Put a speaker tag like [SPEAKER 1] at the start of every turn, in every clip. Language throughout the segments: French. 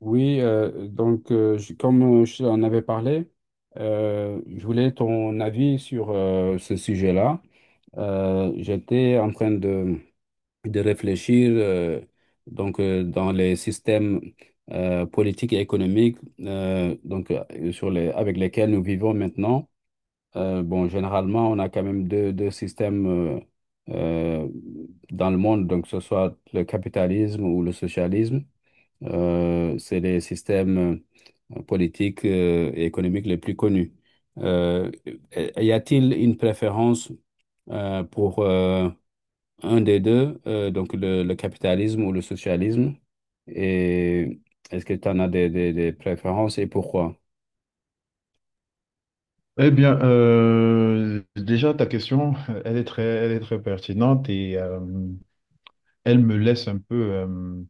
[SPEAKER 1] Oui, donc je- comme je t'en avais parlé, je voulais ton avis sur ce sujet-là. J'étais en train de réfléchir, dans les systèmes politiques et économiques, sur les avec lesquels nous vivons maintenant. Bon, généralement, on a quand même deux systèmes, euh, dans le monde, donc que ce soit le capitalisme ou le socialisme. C'est les systèmes politiques et économiques les plus connus. Euh, Y a-t-il une préférence pour un des deux, donc le capitalisme ou le socialisme? Et est-ce que tu en as des préférences et pourquoi?
[SPEAKER 2] Eh bien, déjà, ta question, elle est elle est très pertinente et elle me laisse un peu,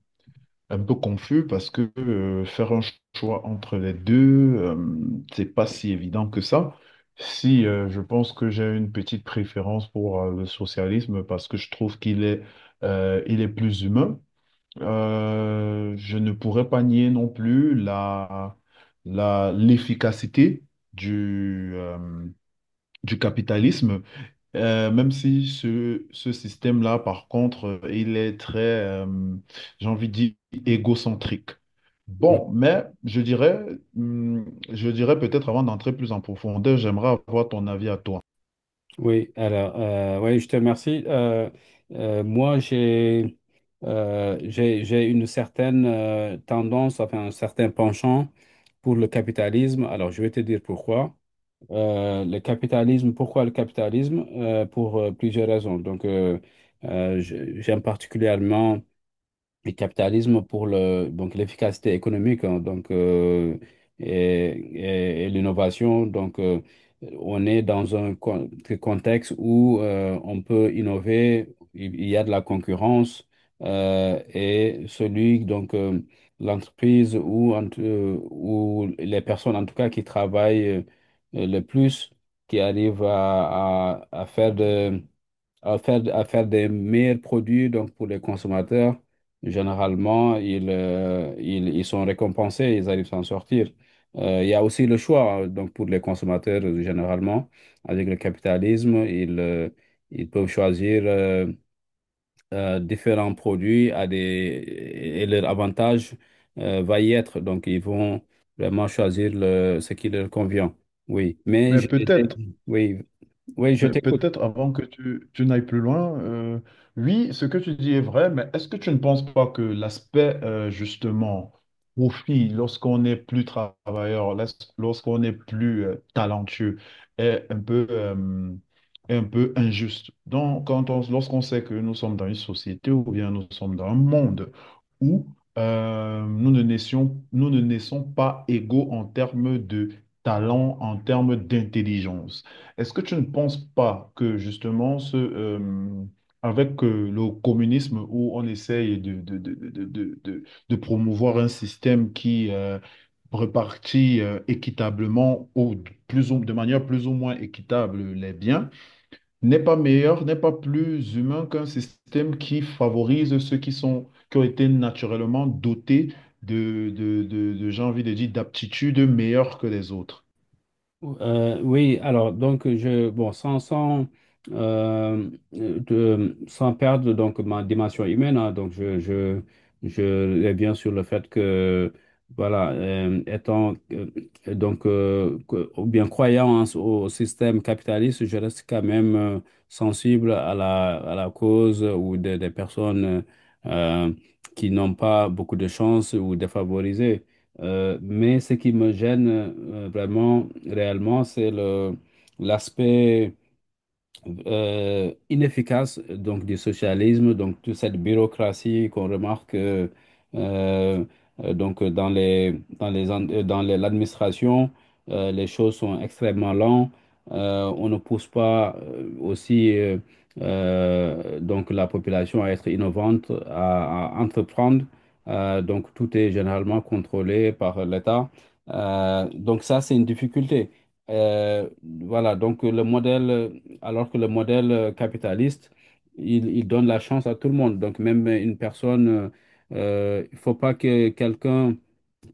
[SPEAKER 2] un peu confus parce que faire un choix entre les deux, euh, c'est pas si évident que ça. Si je pense que j'ai une petite préférence pour le socialisme parce que je trouve qu'il est, il est plus humain. Je ne pourrais pas nier non plus l'efficacité du du capitalisme, même si ce système-là, par contre, j'ai envie de dire, égocentrique. Bon, mais je hum, je dirais peut-être avant d'entrer plus en profondeur, j'aimerais avoir ton avis à toi.
[SPEAKER 1] Oui, alors, oui, je te remercie. Moi, j'ai une certaine tendance, enfin, un certain penchant pour le capitalisme. Alors, je vais te dire pourquoi. Le capitalisme, pourquoi le capitalisme? Pour plusieurs raisons. Donc, j'aime particulièrement le capitalisme pour le, donc l'efficacité économique, hein, donc, et l'innovation. Donc, on est dans contexte où, on peut innover, il y a de la concurrence, et celui, donc, l'entreprise ou les personnes, en tout cas, qui travaillent le plus, qui arrivent à faire de à faire des meilleurs produits donc pour les consommateurs. Généralement, ils sont récompensés, ils arrivent à s'en sortir. Il y a aussi le choix, hein, donc pour les consommateurs, généralement, avec le capitalisme, ils peuvent choisir, différents produits à des, et leur avantage va y être. Donc, ils vont vraiment choisir le, ce qui leur convient. Oui, mais
[SPEAKER 2] Mais peut-être
[SPEAKER 1] oui, oui, je
[SPEAKER 2] Mais
[SPEAKER 1] t'écoute.
[SPEAKER 2] peut-être avant que tu n'ailles plus loin, oui, ce que tu dis est vrai, mais est-ce que tu ne penses pas que l'aspect justement profit, lorsqu'on n'est plus travailleur, lorsqu'on n'est plus talentueux, est un peu, est un peu injuste? Donc, lorsqu'on sait que nous sommes dans une société ou bien nous sommes dans un monde où nous ne naissons pas égaux en termes de talent, en termes d'intelligence. Est-ce que tu ne penses pas que justement, avec le communisme où on essaye de promouvoir un système qui répartit équitablement ou de manière plus ou moins équitable les biens, n'est pas meilleur, n'est pas plus humain qu'un système qui favorise ceux qui ont été naturellement dotés j'ai envie de dire, d'aptitudes meilleures que les autres.
[SPEAKER 1] Oui, alors donc je bon sans perdre donc ma dimension humaine, hein, donc je vais bien sur le fait que voilà, ou bien croyant au système capitaliste, je reste quand même sensible à la cause ou des personnes euh, qui n'ont pas beaucoup de chance ou défavorisées, mais ce qui me gêne, vraiment, réellement, c'est le l'aspect inefficace donc du socialisme, donc toute cette bureaucratie qu'on remarque, euh, dans les en- dans les- l'administration, les choses sont extrêmement lentes. On ne pousse pas, aussi donc la population à être innovante, à entreprendre. Donc tout est généralement contrôlé par l'État. Donc ça, c'est une difficulté. Euh, voilà, donc le modèle, alors que le modèle capitaliste, il donne la chance à tout le monde. Donc, même une personne, il ne faut pas que quelqu'un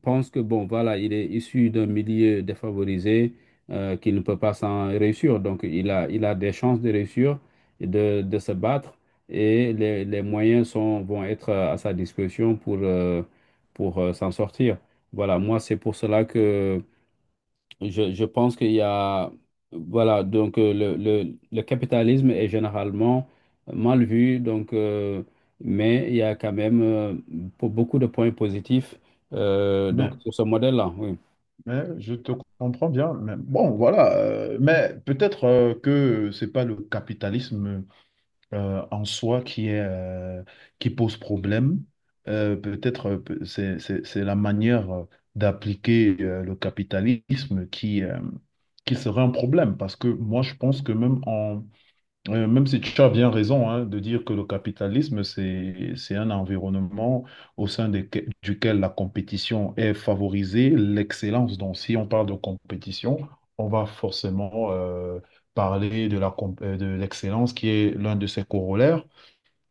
[SPEAKER 1] pense que, bon, voilà, il est issu d'un milieu défavorisé, qu'il ne peut pas s'en réussir. Donc, il a des chances de réussir et de se battre, et les moyens sont, vont être à sa disposition pour, s'en sortir. Voilà, moi, c'est pour cela que je pense qu'il y a, voilà, donc le capitalisme est généralement mal vu, donc, mais il y a quand même pour beaucoup de points positifs,
[SPEAKER 2] Mais,
[SPEAKER 1] donc, sur ce modèle-là. Oui.
[SPEAKER 2] mais je te comprends bien. Mais bon, voilà. Mais peut-être que c'est pas le capitalisme en soi qui qui pose problème. Peut-être c'est la manière d'appliquer le capitalisme qui serait un problème parce que moi je pense que même Même si tu as bien raison hein, de dire que le capitalisme, c'est un environnement au sein duquel la compétition est favorisée, l'excellence. Donc, si on parle de compétition, on va forcément parler de l'excellence qui est l'un de ses corollaires.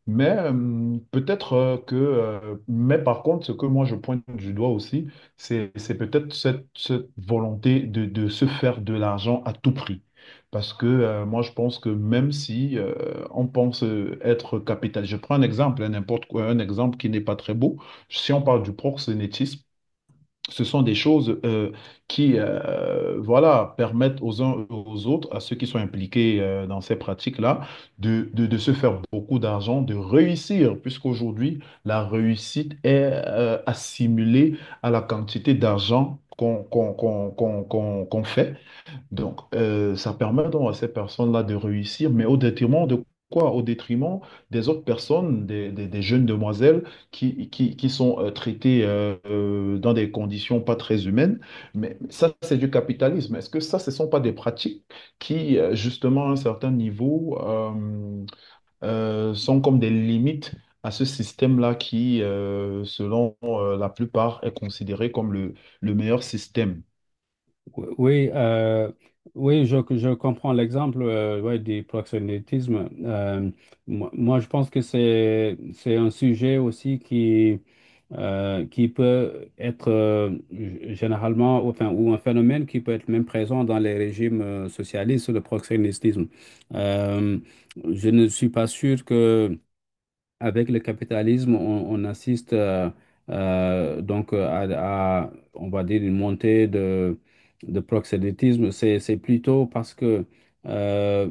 [SPEAKER 2] Mais mais par contre, ce que moi je pointe du doigt aussi, c'est peut-être cette volonté de se faire de l'argent à tout prix. Parce que moi je pense que même si on pense être capital, je prends un exemple, hein, n'importe quoi, un exemple qui n'est pas très beau. Si on parle du proxénétisme, ce sont des choses qui voilà, permettent aux uns et aux autres, à ceux qui sont impliqués dans ces pratiques-là, de se faire beaucoup d'argent, de réussir, puisqu'aujourd'hui, la réussite est assimilée à la quantité d'argent qu'on fait. Donc, ça permet donc à ces personnes-là de réussir, mais au détriment de quoi? Au détriment des autres personnes, des jeunes demoiselles qui sont traitées dans des conditions pas très humaines. Mais ça, c'est du capitalisme. Est-ce que ça, ce ne sont pas des pratiques qui, justement, à un certain niveau, sont comme des limites à ce système-là qui, selon la plupart, est considéré comme le meilleur système?
[SPEAKER 1] Oui, oui, oui, je comprends l'exemple, ouais, du proxénétisme. Moi, je pense que c'est un sujet aussi qui peut être, généralement, enfin, ou un phénomène qui peut être même présent dans les régimes socialistes, le proxénétisme. Euh, je ne suis pas sûr que avec le capitalisme, on assiste, à, on va dire, une montée de proxénétisme. C'est plutôt parce que, euh,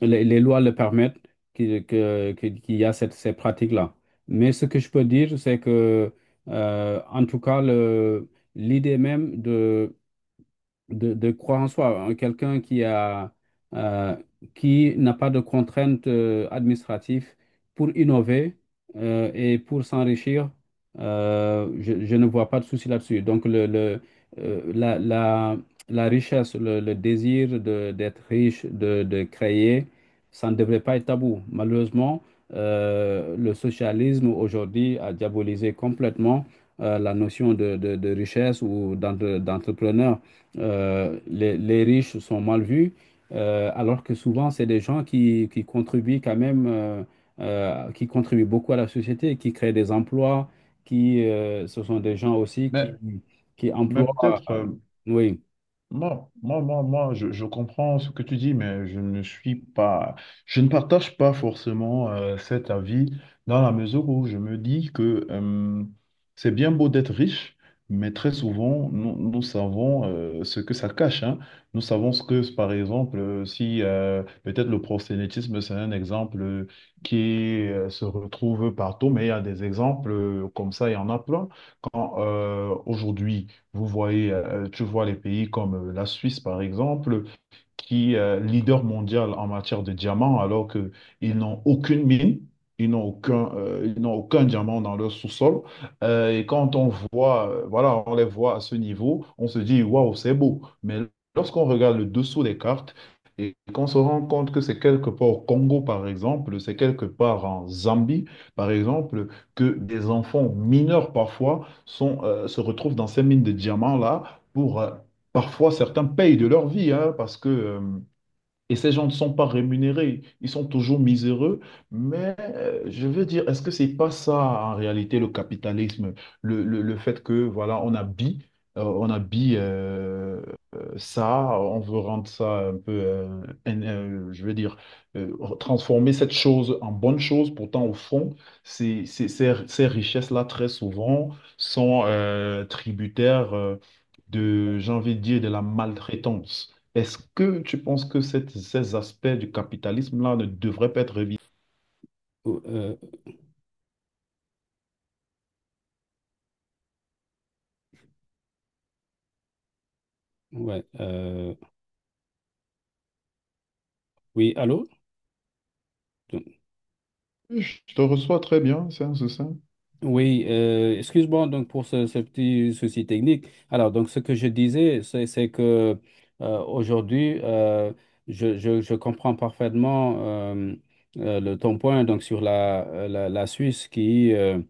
[SPEAKER 1] les lois le permettent qu'il y a ces pratiques-là. Mais ce que je peux dire, c'est que, en tout cas, l'idée même de croire en soi, hein. Quelqu'un qui a, euh, qui n'a pas de contraintes administratives pour innover, et pour s'enrichir, je ne vois pas de souci là-dessus. Donc, euh, la, la, la richesse, le désir d'être riche, de créer, ça ne devrait pas être tabou. Malheureusement, le socialisme aujourd'hui a diabolisé complètement la notion de richesse ou d'entrepreneur. Les riches sont mal vus, alors que souvent, c'est des gens qui contribuent quand même, qui contribuent beaucoup à la société, qui créent des emplois, qui, ce sont des gens aussi
[SPEAKER 2] Mais,
[SPEAKER 1] qui
[SPEAKER 2] mais
[SPEAKER 1] emploient.
[SPEAKER 2] peut-être.
[SPEAKER 1] Oui,
[SPEAKER 2] Moi, je comprends ce que tu dis, mais je ne suis pas, je ne partage pas forcément cet avis dans la mesure où je me dis que c'est bien beau d'être riche, mais très souvent, nous, nous savons ce que ça cache, hein. Nous savons ce que, par exemple, si peut-être le prosélytisme, c'est un exemple qui se retrouve partout, mais il y a des exemples comme ça, il y en a plein. Quand aujourd'hui, vous voyez, tu vois les pays comme la Suisse, par exemple, qui est leader mondial en matière de diamants, alors qu'ils n'ont aucune mine, ils n'ont aucun diamant dans leur sous-sol. Et quand on voit, voilà, on les voit à ce niveau, on se dit, waouh, c'est beau. Mais lorsqu'on regarde le dessous des cartes, et qu'on se rend compte que c'est quelque part au Congo, par exemple, c'est quelque part en Zambie, par exemple, que des enfants mineurs parfois se retrouvent dans ces mines de diamants-là pour parfois, certains payent de leur vie, hein, parce que, et ces gens ne sont pas rémunérés, ils sont toujours miséreux, mais je veux dire, est-ce que c'est pas ça en réalité le capitalisme, le fait que, voilà, on habille, euh, on habille euh, ça, on veut rendre ça un peu, je veux dire, transformer cette chose en bonne chose, pourtant au fond, ces richesses-là, très souvent, sont tributaires de, j'ai envie de dire, de la maltraitance. Est-ce que tu penses que ces aspects du capitalisme-là ne devraient pas être révisés?
[SPEAKER 1] euh, ouais, euh, oui, allô?
[SPEAKER 2] Je te reçois très bien, c'est un ça.
[SPEAKER 1] Oui, excuse-moi donc pour ce petit souci technique. Alors, donc ce que je disais, c'est que aujourd'hui, je comprends parfaitement, euh, ton point donc sur la Suisse qui, euh,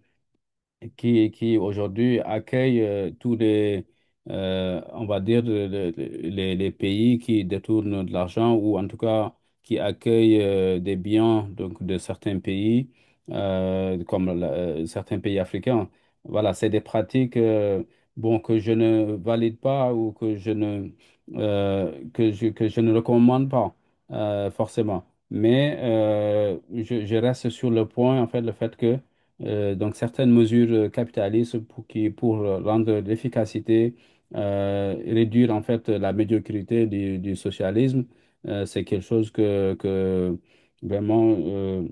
[SPEAKER 1] qui, qui aujourd'hui accueille tous les, on va dire, les pays qui détournent de l'argent ou en tout cas qui accueillent des biens donc, de certains pays, certains pays africains. Voilà, c'est des pratiques, bon, que je ne valide pas ou que je ne recommande pas forcément. Mais je reste sur le point, en fait, le fait que, donc certaines mesures capitalistes pour, qui, pour rendre l'efficacité et réduire en fait la médiocrité du socialisme. C'est quelque chose que vraiment,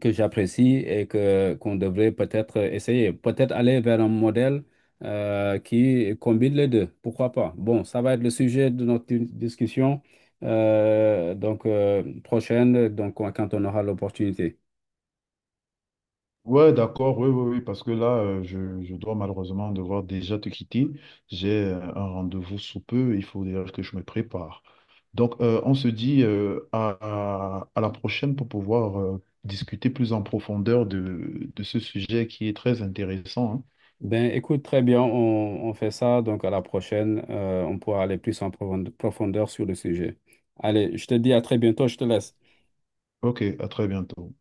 [SPEAKER 1] que j'apprécie et que qu'on devrait peut-être essayer. Peut-être aller vers un modèle qui combine les deux. Pourquoi pas? Bon, ça va être le sujet de notre discussion, prochaine, donc quand on aura l'opportunité.
[SPEAKER 2] Ouais, d'accord, oui, oui, oui, parce que là, je dois malheureusement devoir déjà te quitter. J'ai un rendez-vous sous peu, il faut déjà que je me prépare. Donc, on se dit à la prochaine pour pouvoir discuter plus en profondeur de ce sujet qui est très intéressant.
[SPEAKER 1] Ben, écoute, très bien, on fait ça. Donc, à la prochaine, on pourra aller plus en profondeur sur le sujet. Allez, je te dis à très bientôt, je te laisse.
[SPEAKER 2] Hein. Ok, à très bientôt.